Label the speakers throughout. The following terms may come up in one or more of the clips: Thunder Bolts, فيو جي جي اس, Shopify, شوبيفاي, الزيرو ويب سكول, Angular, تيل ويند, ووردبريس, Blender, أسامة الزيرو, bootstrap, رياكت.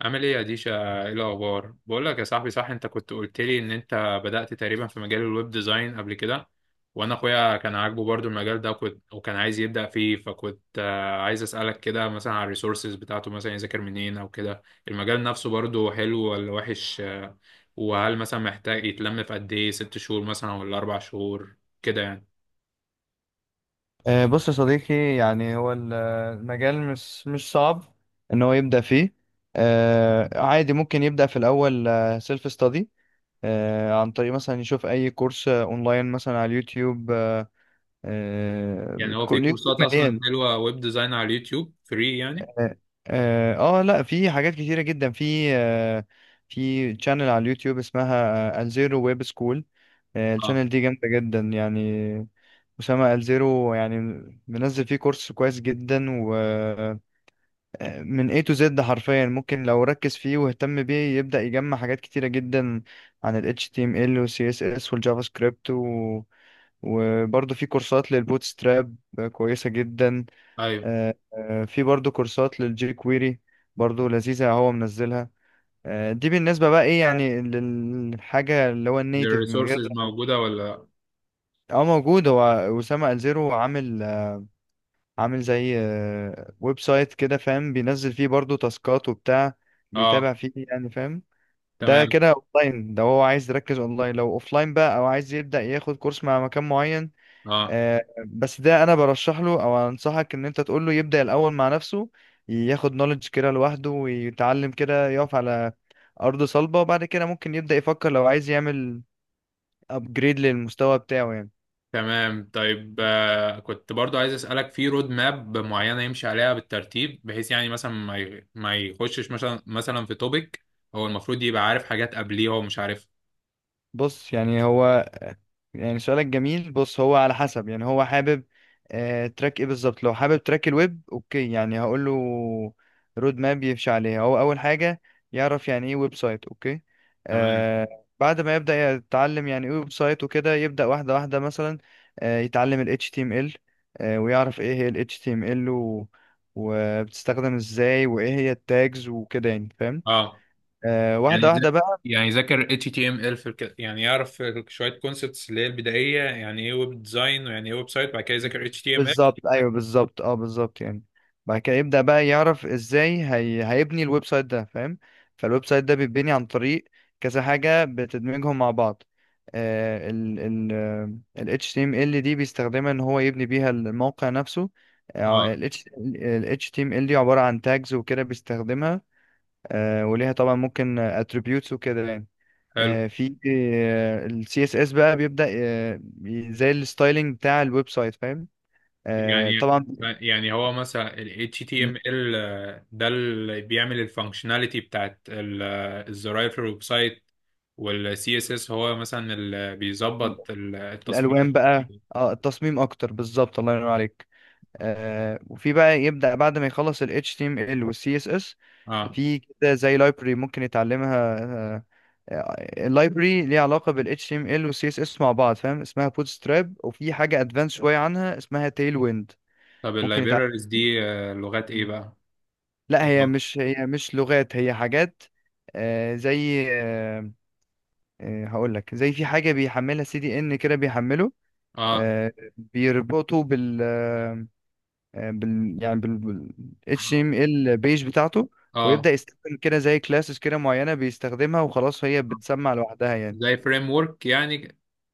Speaker 1: عامل ايه يا ديشا؟ ايه الاخبار؟ بقول لك يا صاحبي، صح، انت كنت قلت لي ان انت بدأت تقريبا في مجال الويب ديزاين قبل كده. وانا اخويا كان عاجبه برضو المجال ده، وكنت وكان عايز يبدأ فيه. فكنت عايز اسألك كده، مثلا على الريسورسز بتاعته، مثلا يذاكر منين او كده. المجال نفسه برضو حلو ولا وحش؟ وهل مثلا محتاج يتلم في قد ايه؟ 6 شهور مثلا ولا 4 شهور كده يعني؟
Speaker 2: بص يا صديقي، يعني هو المجال مش صعب ان هو يبدأ فيه. عادي ممكن يبدأ في الاول سيلف ستادي عن طريق مثلا يشوف اي كورس اونلاين مثلا على اليوتيوب.
Speaker 1: يعني هو في
Speaker 2: اليوتيوب
Speaker 1: كورسات اصلا
Speaker 2: مليان.
Speaker 1: حلوة ويب ديزاين على اليوتيوب فري يعني؟
Speaker 2: اه. لا، في حاجات كتيرة جدا في. في تشانل على اليوتيوب اسمها الزيرو ويب سكول.
Speaker 1: اه.
Speaker 2: التشانل دي جامدة جدا يعني، أسامة الزيرو يعني منزل فيه كورس كويس جدا، من A to Z حرفيا، ممكن لو ركز فيه واهتم بيه يبدأ يجمع حاجات كتيرة جدا عن ال HTML وال CSS والجافا سكريبت وبرضه في كورسات للبوتستراب كويسة جدا.
Speaker 1: ايوه.
Speaker 2: في برضه كورسات للجي كويري، برضه لذيذة هو منزلها. دي بالنسبة بقى ايه، يعني للحاجة اللي هو النيتف من غير.
Speaker 1: الريسورسز موجودة ولا؟
Speaker 2: اه، موجود. هو أسامة الزيرو عامل زي ويب سايت كده، فاهم؟ بينزل فيه برضو تاسكات وبتاع، بيتابع
Speaker 1: اه.
Speaker 2: فيه يعني، فاهم؟ ده
Speaker 1: تمام.
Speaker 2: كده اونلاين. ده هو عايز يركز اونلاين. لو اوفلاين بقى، او عايز يبدأ ياخد كورس مع مكان معين.
Speaker 1: اه،
Speaker 2: بس ده انا برشح له، او انصحك ان انت تقول له يبدأ الاول مع نفسه، ياخد نوليدج كده لوحده ويتعلم كده، يقف على ارض صلبة، وبعد كده ممكن يبدأ يفكر لو عايز يعمل ابجريد للمستوى بتاعه يعني.
Speaker 1: تمام. طيب، كنت برضو عايز اسالك في رود ماب معينه يمشي عليها بالترتيب، بحيث يعني مثلا ما يخشش مثلا في توبيك هو المفروض يبقى عارف حاجات قبليه هو مش عارفها.
Speaker 2: بص يعني هو، يعني سؤالك جميل. بص هو على حسب، يعني هو حابب تراك ايه بالظبط؟ لو حابب تراك الويب، اوكي، يعني هقول له رود ماب يمشي عليها. هو اول حاجة يعرف يعني ايه ويب سايت، اوكي.
Speaker 1: تمام.
Speaker 2: آه بعد ما يبدأ يتعلم يعني ايه ويب سايت وكده، يبدأ واحدة واحدة مثلا. يتعلم ال HTML، ويعرف ايه هي ال HTML وبتستخدم ازاي، وايه هي التاجز وكده يعني، فاهم؟
Speaker 1: اه. يعني
Speaker 2: واحدة
Speaker 1: ذا-
Speaker 2: واحدة بقى.
Speaker 1: يعني يذاكر HTML، يعني يعرف شويه كونسبتس اللي هي البدائيه، يعني ايه ويب ديزاين، ويعني ايه ويب سايت، بعد كده يذاكر HTML.
Speaker 2: بالظبط، ايوه بالظبط، اه بالظبط يعني. بعد كده يبدأ بقى يعرف ازاي هيبني الويب سايت ده، فاهم؟ فالويب سايت ده بيتبني عن طريق كذا حاجة بتدمجهم مع بعض. ال HTML دي بيستخدمها ان هو يبني بيها الموقع نفسه.
Speaker 1: اه.
Speaker 2: ال HTML دي عبارة عن tags وكده بيستخدمها. وليها طبعا ممكن attributes وكده يعني.
Speaker 1: حلو.
Speaker 2: في ال CSS بقى بيبدأ، زي الستايلينج بتاع الويب سايت، فاهم؟
Speaker 1: يعني
Speaker 2: طبعا.
Speaker 1: يعني هو مثلا ال
Speaker 2: م-
Speaker 1: HTML، ده اللي بيعمل الفانكشناليتي بتاعت الزراير في الويب سايت، وال CSS هو مثلا اللي
Speaker 2: م-
Speaker 1: بيظبط التصميم.
Speaker 2: الالوان بقى، اه، التصميم اكتر بالظبط، الله ينور عليك. وفي بقى، يبدا بعد ما يخلص ال HTML وال CSS،
Speaker 1: اه.
Speaker 2: في كده زي لايبرري ممكن يتعلمها. اللايبرري ليها علاقه بال HTML وال CSS مع بعض، فاهم؟ اسمها bootstrap، وفي حاجه ادفانس شويه عنها اسمها تيل ويند.
Speaker 1: طب
Speaker 2: ممكن يتعلم.
Speaker 1: اللايبريز دي لغات ايه بقى؟
Speaker 2: لا، هي مش لغات، هي حاجات. زي هقول لك، زي في حاجه بيحملها سي دي ان كده بيحمله.
Speaker 1: اه،
Speaker 2: آه، بيربطوا بال آه، بال يعني بال بال
Speaker 1: اه،
Speaker 2: HTML بيج بتاعته. ويبدأ
Speaker 1: اه.
Speaker 2: يستخدم كده زي كلاسز كده معينة بيستخدمها، وخلاص هي بتسمع لوحدها يعني.
Speaker 1: زي فريم ورك يعني؟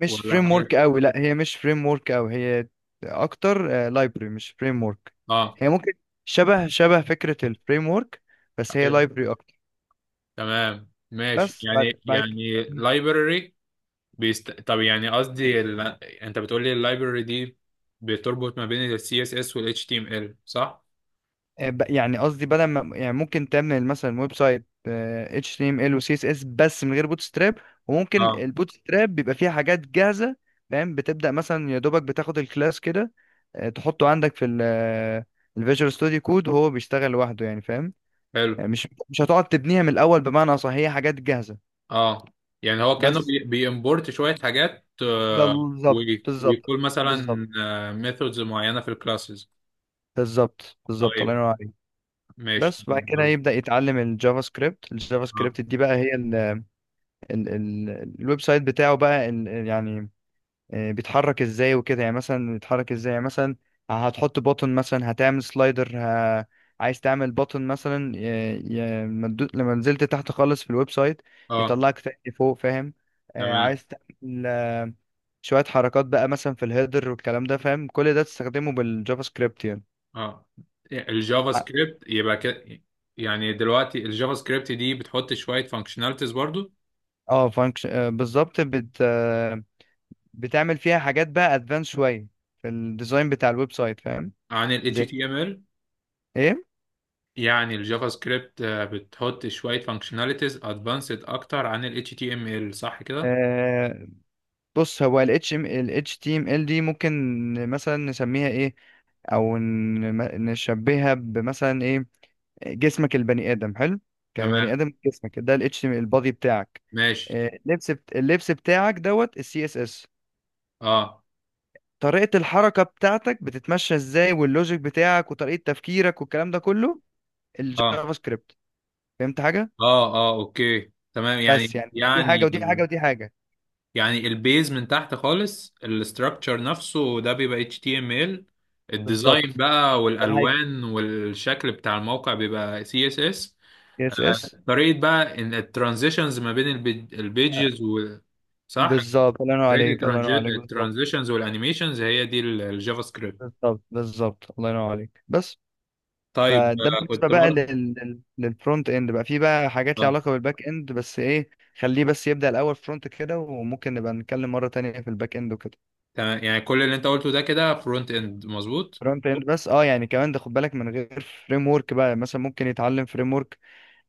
Speaker 2: مش
Speaker 1: ولا
Speaker 2: فريم ورك
Speaker 1: حاجة.
Speaker 2: قوي، لا هي مش فريم ورك قوي، هي اكتر لايبرري، مش فريم ورك.
Speaker 1: اه.
Speaker 2: هي ممكن شبه شبه فكرة الفريم ورك، بس هي
Speaker 1: ايوه،
Speaker 2: لايبرري اكتر.
Speaker 1: تمام، ماشي،
Speaker 2: بس
Speaker 1: يعني
Speaker 2: بعد بعد كده-
Speaker 1: library. طب يعني قصدي انت بتقول لي اللايبرري دي بتربط ما بين ال CSS وال HTML، صح؟
Speaker 2: يعني قصدي، بدل ما يعني ممكن تعمل مثلا ويب سايت، HTML و CSS بس من غير بوت ستراب، وممكن
Speaker 1: اه.
Speaker 2: البوت ستراب بيبقى فيها حاجات جاهزة. فاهم؟ بتبدأ مثلا يا دوبك بتاخد الكلاس كده، تحطه عندك في الفيجوال ستوديو كود، وهو بيشتغل لوحده يعني، فاهم؟
Speaker 1: حلو.
Speaker 2: يعني مش هتقعد تبنيها من الأول، بمعنى صح هي حاجات جاهزة
Speaker 1: اه، يعني هو كأنه
Speaker 2: بس.
Speaker 1: بيمبورت شوية حاجات،
Speaker 2: بالظبط، بالظبط،
Speaker 1: ويقول مثلا
Speaker 2: بالظبط،
Speaker 1: ميثودز معينة في الكلاسز.
Speaker 2: بالظبط، بالظبط، الله
Speaker 1: طيب.
Speaker 2: ينور عليك.
Speaker 1: ماشي.
Speaker 2: بس بعد كده يبدأ يتعلم الجافا سكريبت. الجافا
Speaker 1: اه،
Speaker 2: سكريبت دي بقى، هي ال الويب سايت بتاعه بقى يعني بيتحرك ازاي وكده، يعني مثلا بيتحرك ازاي، يعني مثلا هتحط بوتن مثلا، هتعمل سلايدر، عايز تعمل بوتن مثلا، لما نزلت تحت خالص في الويب سايت
Speaker 1: اه.
Speaker 2: يطلعك تاني فوق، فاهم؟
Speaker 1: تمام.
Speaker 2: عايز تعمل شوية حركات بقى مثلا في الهيدر والكلام ده، فاهم؟ كل ده تستخدمه بالجافا سكريبت يعني.
Speaker 1: اه، الجافا
Speaker 2: ع-
Speaker 1: سكريبت يبقى كده. يعني دلوقتي الجافا سكريبت دي بتحط شوية فانكشناليتيز برضو
Speaker 2: اه، فانكشن بالظبط، بت... آه، بتعمل فيها حاجات بقى ادفانس شوية في الديزاين بتاع الويب سايت، فاهم؟
Speaker 1: عن ال HTML؟
Speaker 2: ايه.
Speaker 1: يعني الجافا سكريبت بتحط شوية فانكشناليتيز ادفانسد اكتر عن ال HTML، صح كده؟
Speaker 2: آه بص هو الاتش تي ام ال دي ممكن مثلا نسميها ايه، او نشبهها بمثلا ايه. جسمك، البني ادم حلو، كبني
Speaker 1: تمام.
Speaker 2: ادم جسمك ده الاتش ام البادي بتاعك.
Speaker 1: ماشي.
Speaker 2: اللبس بتاعك دوت السي اس اس.
Speaker 1: اه،
Speaker 2: طريقة الحركة بتاعتك بتتمشى ازاي، واللوجيك بتاعك، وطريقة تفكيرك، والكلام ده كله
Speaker 1: اه،
Speaker 2: الجافا سكريبت. فهمت حاجة؟
Speaker 1: اه، اه، اوكي، تمام.
Speaker 2: بس يعني دي حاجة ودي حاجة ودي حاجة.
Speaker 1: يعني البيز من تحت خالص، الاستراكشر نفسه ده بيبقى HTML. الديزاين
Speaker 2: بالظبط،
Speaker 1: بقى
Speaker 2: ده الهيكل،
Speaker 1: والالوان والشكل بتاع الموقع بيبقى CSS.
Speaker 2: اس اس،
Speaker 1: طريقة بقى ان الترانزيشنز ما بين البيجز، صح؟
Speaker 2: بالظبط، الله ينور
Speaker 1: ريت.
Speaker 2: عليك، الله ينور عليك، بالظبط،
Speaker 1: الترانزيشنز والانيميشنز هي دي الجافا سكريبت.
Speaker 2: بالظبط، بالظبط، الله ينور عليك، بس.
Speaker 1: طيب.
Speaker 2: فده بالنسبه
Speaker 1: كنت
Speaker 2: بقى
Speaker 1: برضه.
Speaker 2: للفرونت اند. بقى في بقى حاجات ليها
Speaker 1: اه،
Speaker 2: علاقه بالباك اند، بس ايه، خليه بس يبدا الاول فرونت كده، وممكن نبقى نتكلم مره تانية في الباك اند وكده.
Speaker 1: تمام، يعني كل اللي انت قلته ده كده فرونت اند، مظبوط؟
Speaker 2: فرونت اند بس، اه، يعني كمان ده خد بالك. من غير فريم ورك بقى، مثلا ممكن يتعلم فريم ورك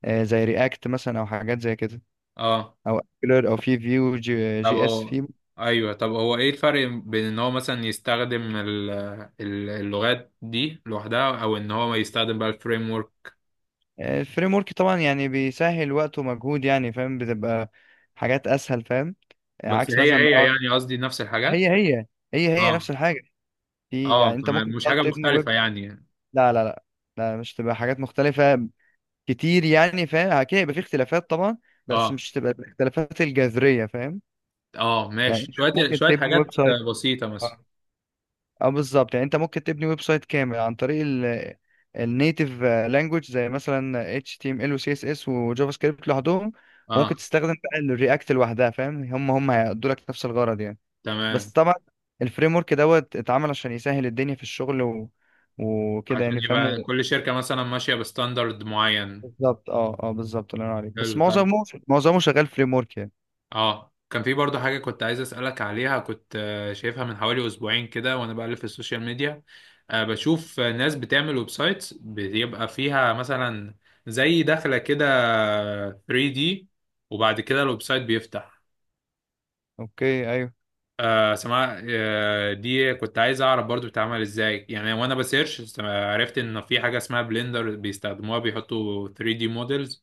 Speaker 2: زي رياكت مثلا، او حاجات زي كده،
Speaker 1: اه.
Speaker 2: او Angular، او في فيو
Speaker 1: طب
Speaker 2: جي اس
Speaker 1: هو.
Speaker 2: في.
Speaker 1: ايوه، طب هو ايه الفرق بين ان هو مثلا يستخدم اللغات دي لوحدها، او ان هو يستخدم بقى الفريم ورك؟
Speaker 2: الفريم ورك طبعا يعني بيسهل وقت ومجهود يعني، فاهم؟ بتبقى حاجات اسهل، فاهم؟
Speaker 1: بس
Speaker 2: عكس
Speaker 1: هي
Speaker 2: مثلا ما
Speaker 1: هي
Speaker 2: يقعد.
Speaker 1: يعني، قصدي نفس الحاجات.
Speaker 2: هي هي، هي هي نفس
Speaker 1: اه.
Speaker 2: الحاجه. في
Speaker 1: اه،
Speaker 2: يعني انت
Speaker 1: تمام،
Speaker 2: ممكن
Speaker 1: مش
Speaker 2: تقعد
Speaker 1: حاجة
Speaker 2: تبني
Speaker 1: مختلفة
Speaker 2: ويب.
Speaker 1: يعني.
Speaker 2: لا، لا، لا، لا مش تبقى حاجات مختلفه كتير يعني، فاهم؟ اكيد هيبقى في اختلافات طبعا، بس
Speaker 1: اه،
Speaker 2: مش تبقى الاختلافات الجذريه، فاهم؟
Speaker 1: اه،
Speaker 2: يعني
Speaker 1: ماشي،
Speaker 2: أنت
Speaker 1: شوية
Speaker 2: ممكن
Speaker 1: شوية
Speaker 2: تبني ويب
Speaker 1: حاجات
Speaker 2: سايت،
Speaker 1: بسيطة مثلا.
Speaker 2: اه بالظبط. يعني انت ممكن تبني ويب سايت كامل عن طريق النيتيف لانجوج، زي مثلا HTML و CSS وجافا سكريبت لوحدهم، وممكن
Speaker 1: اه،
Speaker 2: تستخدم بقى الرياكت لوحدها، فاهم؟ هم هيأدوا لك نفس الغرض يعني. بس
Speaker 1: تمام،
Speaker 2: طبعا الفريم ورك دوت اتعمل عشان يسهل الدنيا في الشغل وكده
Speaker 1: عشان
Speaker 2: يعني، فاهمه؟
Speaker 1: يبقى كل شركة مثلا ماشية بستاندرد معين.
Speaker 2: بالظبط، اه اه بالظبط، الله ينور عليك، بس
Speaker 1: حلو. طب،
Speaker 2: معظمه، معظمه شغال فريم ورك يعني.
Speaker 1: اه كان في برضه حاجة كنت عايز أسألك عليها، كنت شايفها من حوالي أسبوعين كده وأنا بقلب في السوشيال ميديا. بشوف ناس بتعمل ويب سايتس بيبقى فيها مثلا زي دخلة كده 3D، وبعد كده الويب سايت بيفتح.
Speaker 2: اوكي، ايوه.
Speaker 1: سماء دي كنت عايز اعرف برضو بتتعمل ازاي يعني. وانا بسيرش عرفت ان في حاجه اسمها بلندر بيستخدموها، بيحطوا 3D models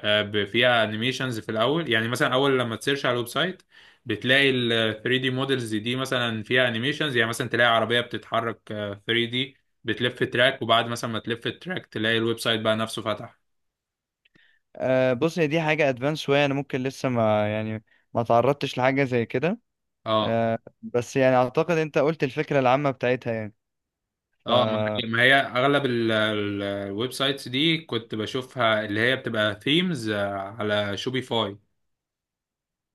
Speaker 1: آه، ب- فيها انيميشنز في الاول، يعني مثلا اول لما تسيرش على الويب سايت بتلاقي ال 3 دي مودلز دي مثلا فيها انيميشنز. يعني مثلا تلاقي عربيه بتتحرك 3 دي، بتلف تراك، وبعد مثلا ما تلف التراك تلاقي الويب سايت بقى نفسه فتح.
Speaker 2: بص هي دي حاجه ادفانس شويه، انا ممكن لسه ما تعرضتش لحاجه زي كده.
Speaker 1: اه.
Speaker 2: بس يعني اعتقد انت قلت الفكره العامه بتاعتها يعني. ف
Speaker 1: اه، ما هي اغلب الويب سايتس دي كنت بشوفها اللي هي بتبقى ثيمز على شوبيفاي.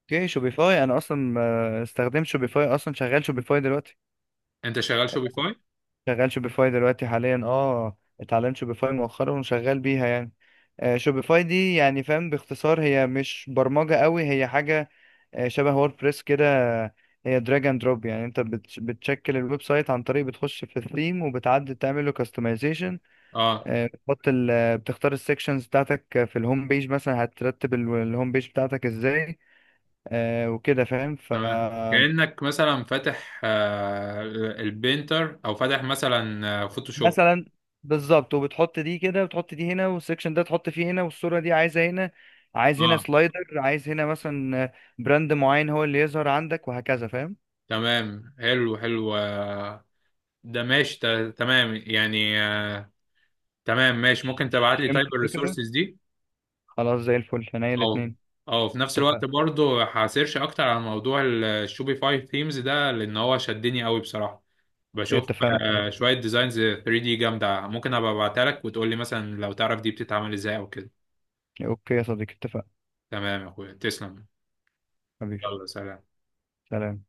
Speaker 2: اوكي، شوبيفاي، انا اصلا ما استخدمت شوبيفاي. اصلا شغال شوبيفاي دلوقتي.
Speaker 1: انت شغال شوبيفاي؟
Speaker 2: شغال شوبيفاي دلوقتي حاليا، اه، اتعلمت شوبيفاي مؤخرا وشغال بيها يعني. شوبيفاي دي يعني فاهم، باختصار هي مش برمجه قوي، هي حاجه شبه ووردبريس كده. هي دراج اند دروب، يعني انت بتشكل الويب سايت عن طريق بتخش في الثيم وبتعدل تعمل له.
Speaker 1: اه.
Speaker 2: بتحط ال آه، بتختار السكشنز بتاعتك، في الهوم بيج، مثلا هترتب الهوم بيج بتاعتك ازاي. وكده فاهم. ف
Speaker 1: تمام، كأنك مثلا فاتح البينتر، او فاتح مثلا فوتوشوب.
Speaker 2: مثلا. بالظبط. وبتحط دي كده، وتحط دي هنا، والسكشن ده تحط فيه هنا، والصورة دي عايزة هنا، عايز هنا سلايدر، عايز هنا مثلا براند معين هو اللي يظهر عندك وهكذا، فاهم؟
Speaker 1: تمام، حلو، حلو، ده ماشي. تمام يعني، تمام، ماشي. ممكن تبعت لي
Speaker 2: فهمت
Speaker 1: تايب
Speaker 2: الفكرة.
Speaker 1: الريسورسز دي؟
Speaker 2: خلاص زي الفل هنا
Speaker 1: او،
Speaker 2: الاتنين.
Speaker 1: او في نفس الوقت
Speaker 2: اتفقنا.
Speaker 1: برضو هسيرش اكتر على موضوع الشوبيفاي ثيمز ده، لان هو شدني قوي بصراحة. بشوف
Speaker 2: اتفقنا يا صديقي.
Speaker 1: شوية ديزاينز 3 دي جامدة، ممكن ابقى ابعتها لك وتقول لي مثلا لو تعرف دي بتتعمل ازاي او كده.
Speaker 2: اوكي يا صديقي اتفقنا.
Speaker 1: تمام يا اخويا، تسلم.
Speaker 2: حبيبي.
Speaker 1: يلا، سلام.
Speaker 2: سلام.